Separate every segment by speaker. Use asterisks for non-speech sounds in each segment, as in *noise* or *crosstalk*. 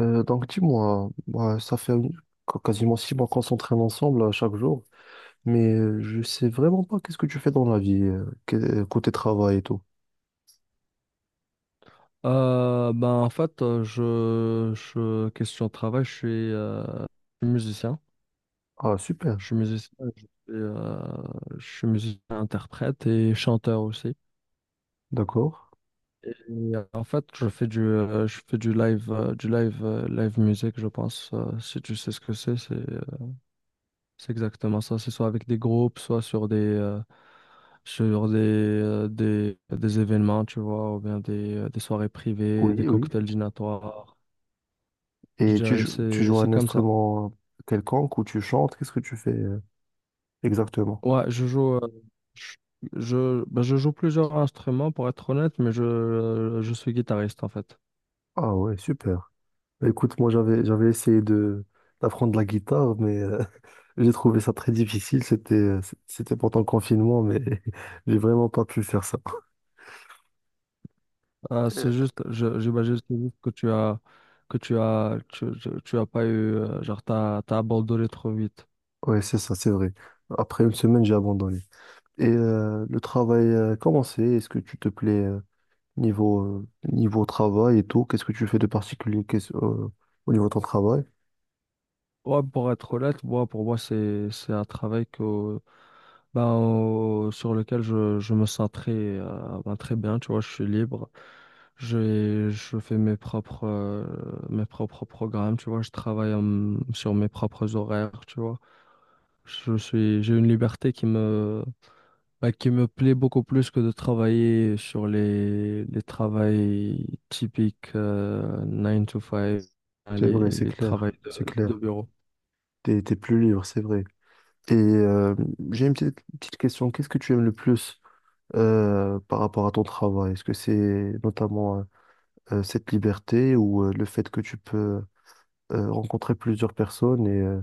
Speaker 1: Donc dis-moi, bah, ça fait quasiment six mois qu'on s'entraîne ensemble chaque jour, mais je sais vraiment pas qu'est-ce que tu fais dans la vie, côté travail et tout.
Speaker 2: Ben en fait, je question de travail, je suis musicien.
Speaker 1: Ah super,
Speaker 2: Je suis musicien, je suis, euh, je suis musicien interprète et chanteur aussi.
Speaker 1: d'accord.
Speaker 2: Et en fait, je fais du live, live musique, je pense. Si tu sais ce que c'est, c'est exactement ça. C'est soit avec des groupes, soit sur des événements, tu vois, ou bien des soirées privées, des
Speaker 1: Oui, oui.
Speaker 2: cocktails dînatoires. Je
Speaker 1: Et tu
Speaker 2: dirais,
Speaker 1: joues, tu joues
Speaker 2: c'est
Speaker 1: un
Speaker 2: comme ça.
Speaker 1: instrument quelconque ou tu chantes, qu'est-ce que tu fais exactement?
Speaker 2: Ouais, je, je, ben, je joue plusieurs instruments pour être honnête, mais je suis guitariste en fait.
Speaker 1: Ah ouais, super. Bah, écoute, moi j'avais essayé de d'apprendre la guitare, mais *laughs* j'ai trouvé ça très difficile. C'était pendant le confinement, mais *laughs* j'ai vraiment pas pu faire ça.
Speaker 2: C'est juste, j'imagine c'est juste que tu as, tu as pas eu, genre t'as abandonné trop vite.
Speaker 1: Ouais, c'est ça, c'est vrai. Après une semaine, j'ai abandonné. Et le travail, comment c'est? Est-ce que tu te plais niveau travail et tout? Qu'est-ce que tu fais de particulier au niveau de ton travail?
Speaker 2: Ouais, pour être honnête, moi, pour moi, c'est un travail que, sur lequel je me sens ben, très bien, tu vois, je suis libre. Je fais mes propres programmes, tu vois, sur mes propres horaires, tu vois. J'ai une liberté qui me, ben, qui me plaît beaucoup plus que de travailler sur les travails typiques, 9 to 5,
Speaker 1: C'est vrai, c'est
Speaker 2: les
Speaker 1: clair,
Speaker 2: travails
Speaker 1: c'est
Speaker 2: de
Speaker 1: clair.
Speaker 2: bureau.
Speaker 1: T'es plus libre, c'est vrai. Et j'ai une petite, petite question. Qu'est-ce que tu aimes le plus par rapport à ton travail? Est-ce que c'est notamment cette liberté ou le fait que tu peux rencontrer plusieurs personnes et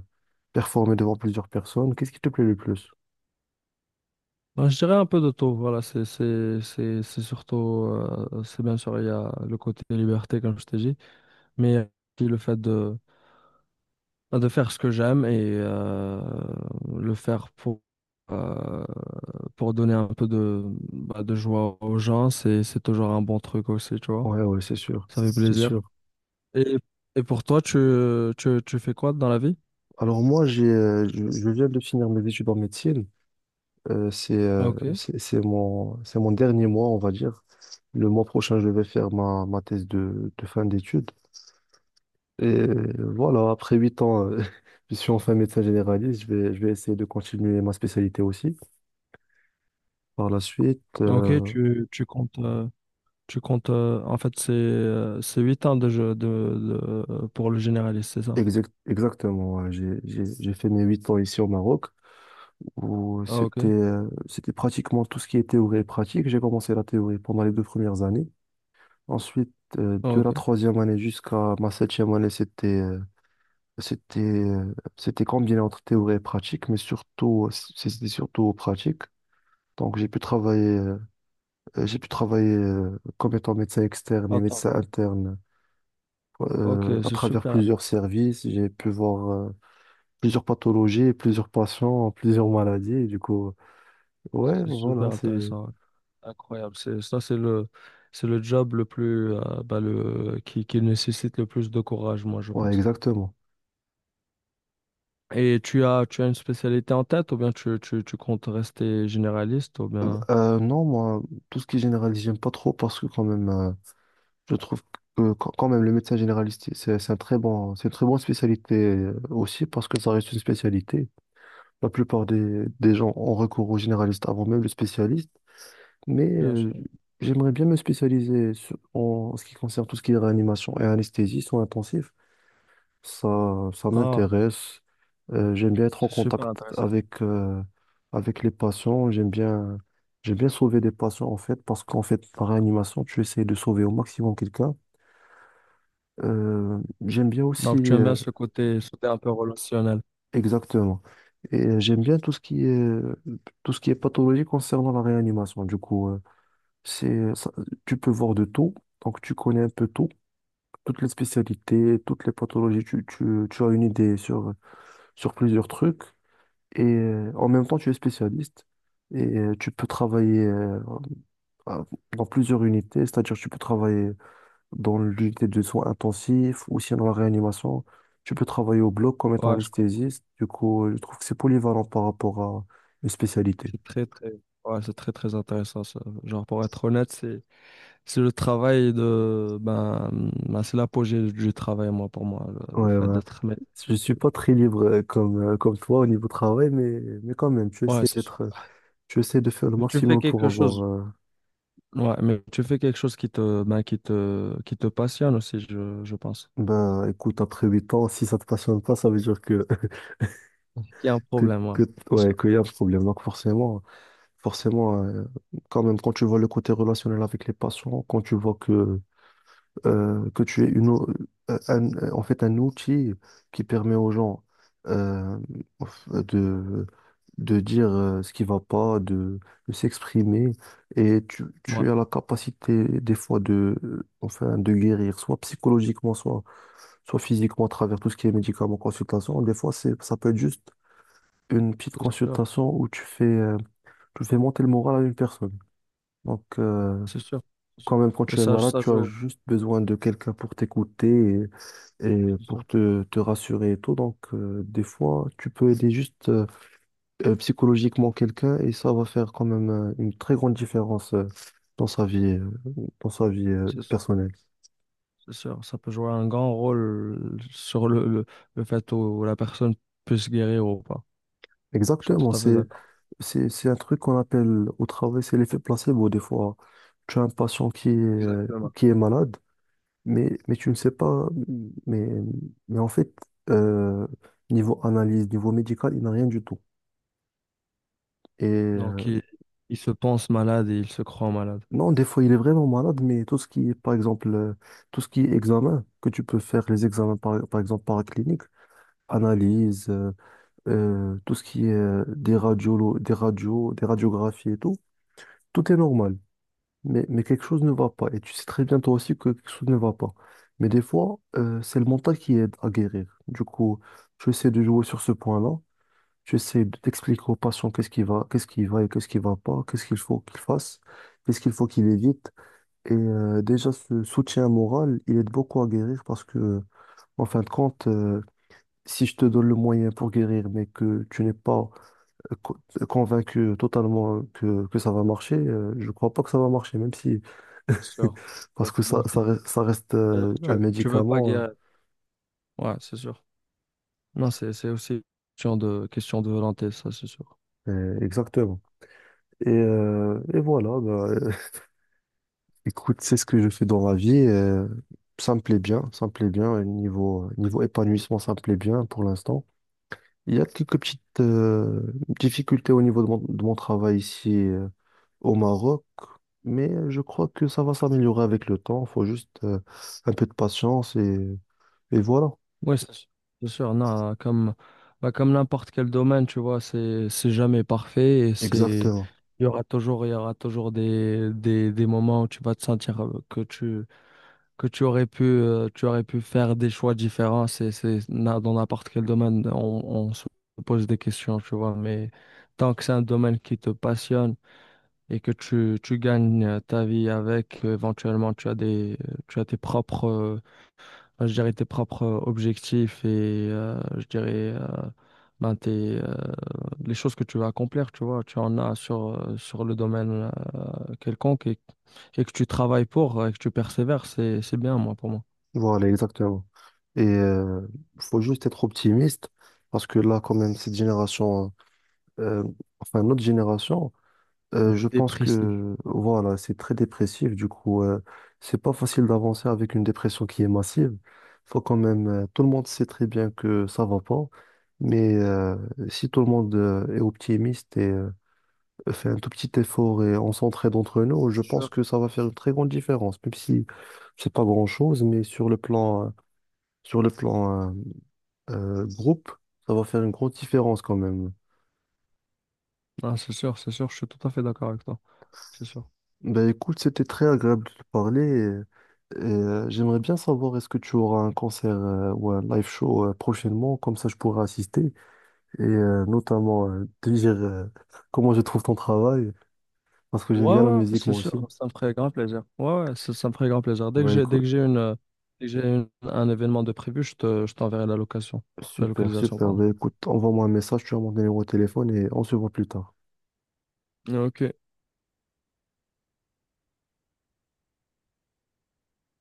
Speaker 1: performer devant plusieurs personnes? Qu'est-ce qui te plaît le plus?
Speaker 2: Ben, je dirais un peu de tout, voilà, c'est surtout, c'est bien sûr, il y a le côté liberté, comme je t'ai dit, mais il y a aussi le fait de, ben, de faire ce que j'aime et le faire euh, pour donner un peu de, bah, de joie aux gens, c'est toujours un bon truc aussi, tu vois,
Speaker 1: Ouais, ouais, c'est sûr,
Speaker 2: ça fait
Speaker 1: c'est
Speaker 2: plaisir.
Speaker 1: sûr.
Speaker 2: Et, et pour toi, tu fais quoi dans la vie?
Speaker 1: Alors moi, je viens de finir mes études en médecine. Euh, c'est, euh,
Speaker 2: Ok,
Speaker 1: c'est, c'est mon, c'est mon dernier mois, on va dire. Le mois prochain, je vais faire ma thèse de fin d'études. Et voilà, après huit ans, *laughs* je suis enfin médecin généraliste. Je vais essayer de continuer ma spécialité aussi. Par la suite,
Speaker 2: ok, tu comptes, tu comptes, en fait, c'est 8 ans de pour le généraliste, c'est ça?
Speaker 1: exactement, ouais, j'ai fait mes huit ans ici au Maroc. où
Speaker 2: Ah,
Speaker 1: c'était
Speaker 2: ok.
Speaker 1: euh, c'était pratiquement tout ce qui est théorie et pratique. J'ai commencé la théorie pendant les deux premières années. Ensuite,
Speaker 2: Ah,
Speaker 1: de la
Speaker 2: ok.
Speaker 1: troisième année jusqu'à ma septième année, c'était combiné entre théorie et pratique, mais surtout c'était surtout pratique. Donc j'ai pu travailler comme étant médecin externe et
Speaker 2: Attends.
Speaker 1: médecin interne
Speaker 2: Ok,
Speaker 1: à travers plusieurs services. J'ai pu voir plusieurs pathologies, plusieurs patients, plusieurs maladies. Et du coup, ouais,
Speaker 2: c'est
Speaker 1: voilà,
Speaker 2: super
Speaker 1: c'est
Speaker 2: intéressant. Ouais. Incroyable. Ça, c'est le job le plus, bah, qui nécessite le plus de courage, moi, je
Speaker 1: ouais,
Speaker 2: pense.
Speaker 1: exactement.
Speaker 2: Et tu as une spécialité en tête ou bien tu comptes rester généraliste ou bien...
Speaker 1: Non, moi, tout ce qui est généraliste, j'aime pas trop parce que quand même, je trouve que quand même le médecin généraliste, c'est un très bon, c'est une très bonne spécialité aussi parce que ça reste une spécialité. La plupart des gens ont recours au généraliste avant même le spécialiste, mais
Speaker 2: Bien sûr.
Speaker 1: j'aimerais bien me spécialiser en ce qui concerne tout ce qui est réanimation et anesthésie soins intensifs. Ça
Speaker 2: Ah,
Speaker 1: m'intéresse. J'aime bien être en
Speaker 2: c'est super
Speaker 1: contact
Speaker 2: intéressant.
Speaker 1: avec, euh, avec les patients. J'aime bien sauver des patients, en fait, parce qu'en fait, par réanimation, tu essaies de sauver au maximum quelqu'un. Euh, J'aime bien aussi,
Speaker 2: Donc, tu aimes bien ce côté un peu relationnel.
Speaker 1: exactement. Et j'aime bien tout ce qui est pathologie concernant la réanimation. Du coup, c'est, ça- tu peux voir de tout. Donc, tu connais un peu tout, toutes les spécialités, toutes les pathologies. Tu as une idée sur plusieurs trucs. Et en même temps tu es spécialiste et tu peux travailler à- dans plusieurs unités, c'est-à-dire tu peux travailler dans l'unité de soins intensifs ou sinon dans la réanimation, tu peux travailler au bloc comme étant
Speaker 2: Ouais, je comprends.
Speaker 1: anesthésiste. Du coup, je trouve que c'est polyvalent par rapport à une spécialité.
Speaker 2: C'est très très Ouais, c'est très très intéressant ça. Genre pour être honnête, c'est le travail de ben, ben, c'est l'apogée du travail moi pour moi le
Speaker 1: Ouais,
Speaker 2: fait
Speaker 1: voilà.
Speaker 2: d'être maître.
Speaker 1: Je suis pas très libre comme toi au niveau travail, mais quand même,
Speaker 2: Ouais, c'est sûr.
Speaker 1: tu essaies de faire le
Speaker 2: Mais Tu fais
Speaker 1: maximum pour
Speaker 2: quelque chose
Speaker 1: avoir,
Speaker 2: Ouais, mais tu fais quelque chose qui te ben, qui te passionne aussi je pense.
Speaker 1: ben, écoute, après 8 ans, si ça te passionne pas, ça veut dire que
Speaker 2: Il y a un
Speaker 1: que,
Speaker 2: problème, ouais.
Speaker 1: que,
Speaker 2: C'est
Speaker 1: ouais,
Speaker 2: sûr.
Speaker 1: qu'il y a un problème. Donc forcément, quand même, quand tu vois le côté relationnel avec les patients, quand tu vois que tu es en fait un outil qui permet aux gens euh, de, de dire ce qui va pas, de s'exprimer, et tu as la capacité des fois enfin, de guérir, soit psychologiquement, soit physiquement à travers tout ce qui est médicaments, consultation. Des fois, ça peut être juste une petite
Speaker 2: Ouais,
Speaker 1: consultation où tu fais monter le moral à une personne. Donc,
Speaker 2: c'est sûr. C'est
Speaker 1: quand
Speaker 2: sûr.
Speaker 1: même, quand
Speaker 2: C'est sûr. Et
Speaker 1: tu es
Speaker 2: ça
Speaker 1: malade,
Speaker 2: ça
Speaker 1: tu as
Speaker 2: joue
Speaker 1: juste besoin de quelqu'un pour t'écouter et
Speaker 2: C'est
Speaker 1: pour
Speaker 2: sûr.
Speaker 1: te rassurer et tout. Donc, des fois, tu peux aider juste psychologiquement quelqu'un et ça va faire quand même une très grande différence dans sa vie, euh, dans sa vie
Speaker 2: C'est sûr.
Speaker 1: personnelle.
Speaker 2: C'est sûr, ça peut jouer un grand rôle sur le fait où la personne puisse guérir ou pas. Je suis
Speaker 1: Exactement,
Speaker 2: tout à fait
Speaker 1: c'est,
Speaker 2: d'accord.
Speaker 1: c'est, c'est un truc qu'on appelle au travail, c'est l'effet placebo. Des fois, tu as un patient
Speaker 2: Exactement.
Speaker 1: qui est malade. Mais tu ne sais pas, mais, mais en fait, euh, niveau analyse, niveau médical, il n'a rien du tout. Et
Speaker 2: Donc, il se pense malade et il se croit malade.
Speaker 1: non, des fois, il est vraiment malade, mais tout ce qui est examen, que tu peux faire les examens, par exemple, paracliniques, analyse, tout ce qui est des radios, des radiographies et tout, tout est normal. Mais quelque chose ne va pas. Et tu sais très bien toi aussi que quelque chose ne va pas. Mais des fois, c'est le mental qui aide à guérir. Du coup, j'essaie de jouer sur ce point-là. J'essaie de t'expliquer au patient qu'est-ce qui va et qu'est-ce qui va pas, qu'est-ce qu'il faut qu'il fasse, qu'est-ce qu'il faut qu'il évite. Et déjà, ce soutien moral, il aide beaucoup à guérir parce que, en fin de compte, si je te donne le moyen pour guérir, mais que tu n'es pas euh, co- convaincu totalement que ça va marcher, je crois pas que ça va marcher, même si
Speaker 2: C'est
Speaker 1: *laughs*
Speaker 2: sûr. C'est
Speaker 1: parce
Speaker 2: sûr.
Speaker 1: que ça, ça,
Speaker 2: Vachement.
Speaker 1: reste ça reste,
Speaker 2: Alors que tu,
Speaker 1: un
Speaker 2: tu veux pas
Speaker 1: médicament, hein.
Speaker 2: guérir. Ouais, c'est sûr. Non, c'est aussi une question de volonté, ça, c'est sûr.
Speaker 1: Exactement. Et voilà, bah, *laughs* écoute, c'est ce que je fais dans la vie. Ça me plaît bien, ça me plaît bien. Niveau épanouissement, ça me plaît bien pour l'instant. Il y a quelques petites difficultés au niveau de mon travail ici au Maroc, mais je crois que ça va s'améliorer avec le temps. Il faut juste un peu de patience et voilà.
Speaker 2: Oui, c'est sûr. C'est sûr. Non, comme, bah, comme n'importe quel domaine, tu vois, c'est jamais parfait et
Speaker 1: Exactement.
Speaker 2: il y aura toujours des moments où tu vas te sentir que tu aurais pu faire des choix différents. Dans n'importe quel domaine, on se pose des questions, tu vois. Mais tant que c'est un domaine qui te passionne et que tu gagnes ta vie avec, éventuellement, tu as des, tu as tes ben, je dirais, tes propres objectifs et, je dirais, ben, les choses que tu veux accomplir, tu vois. Tu en as sur le domaine, quelconque et que tu travailles pour, et que tu persévères, c'est bien, moi, pour moi.
Speaker 1: Voilà, exactement. Et il faut juste être optimiste parce que là, quand même, cette génération, euh, enfin notre génération, je pense
Speaker 2: Dépressif.
Speaker 1: que voilà, c'est très dépressif. Du coup, c'est pas facile d'avancer avec une dépression qui est massive. Faut quand même, tout le monde sait très bien que ça va pas, mais si tout le monde est optimiste et fait un tout petit effort et on s'entraide entre nous, je pense
Speaker 2: Sûr.
Speaker 1: que ça va faire une très grande différence, même si c'est pas grand-chose, mais sur le plan groupe, ça va faire une grande différence quand même.
Speaker 2: Ah, c'est sûr, je suis tout à fait d'accord avec toi. C'est sûr.
Speaker 1: Ben écoute, c'était très agréable de te parler j'aimerais bien savoir est-ce que tu auras un concert ou un live show prochainement, comme ça je pourrai assister et notamment te dire *laughs* comment je trouve ton travail parce que j'aime
Speaker 2: Ouais,
Speaker 1: bien la
Speaker 2: ouais,
Speaker 1: musique
Speaker 2: c'est
Speaker 1: moi aussi.
Speaker 2: sûr, ça me ferait grand plaisir. Ouais, ouais, ça me ferait grand plaisir.
Speaker 1: Ben écoute,
Speaker 2: Dès que un événement de prévu, je t'enverrai la location. La
Speaker 1: super,
Speaker 2: localisation,
Speaker 1: super.
Speaker 2: pardon.
Speaker 1: Ben écoute, envoie-moi un message, tu as mon numéro de téléphone et on se voit plus tard.
Speaker 2: Ok.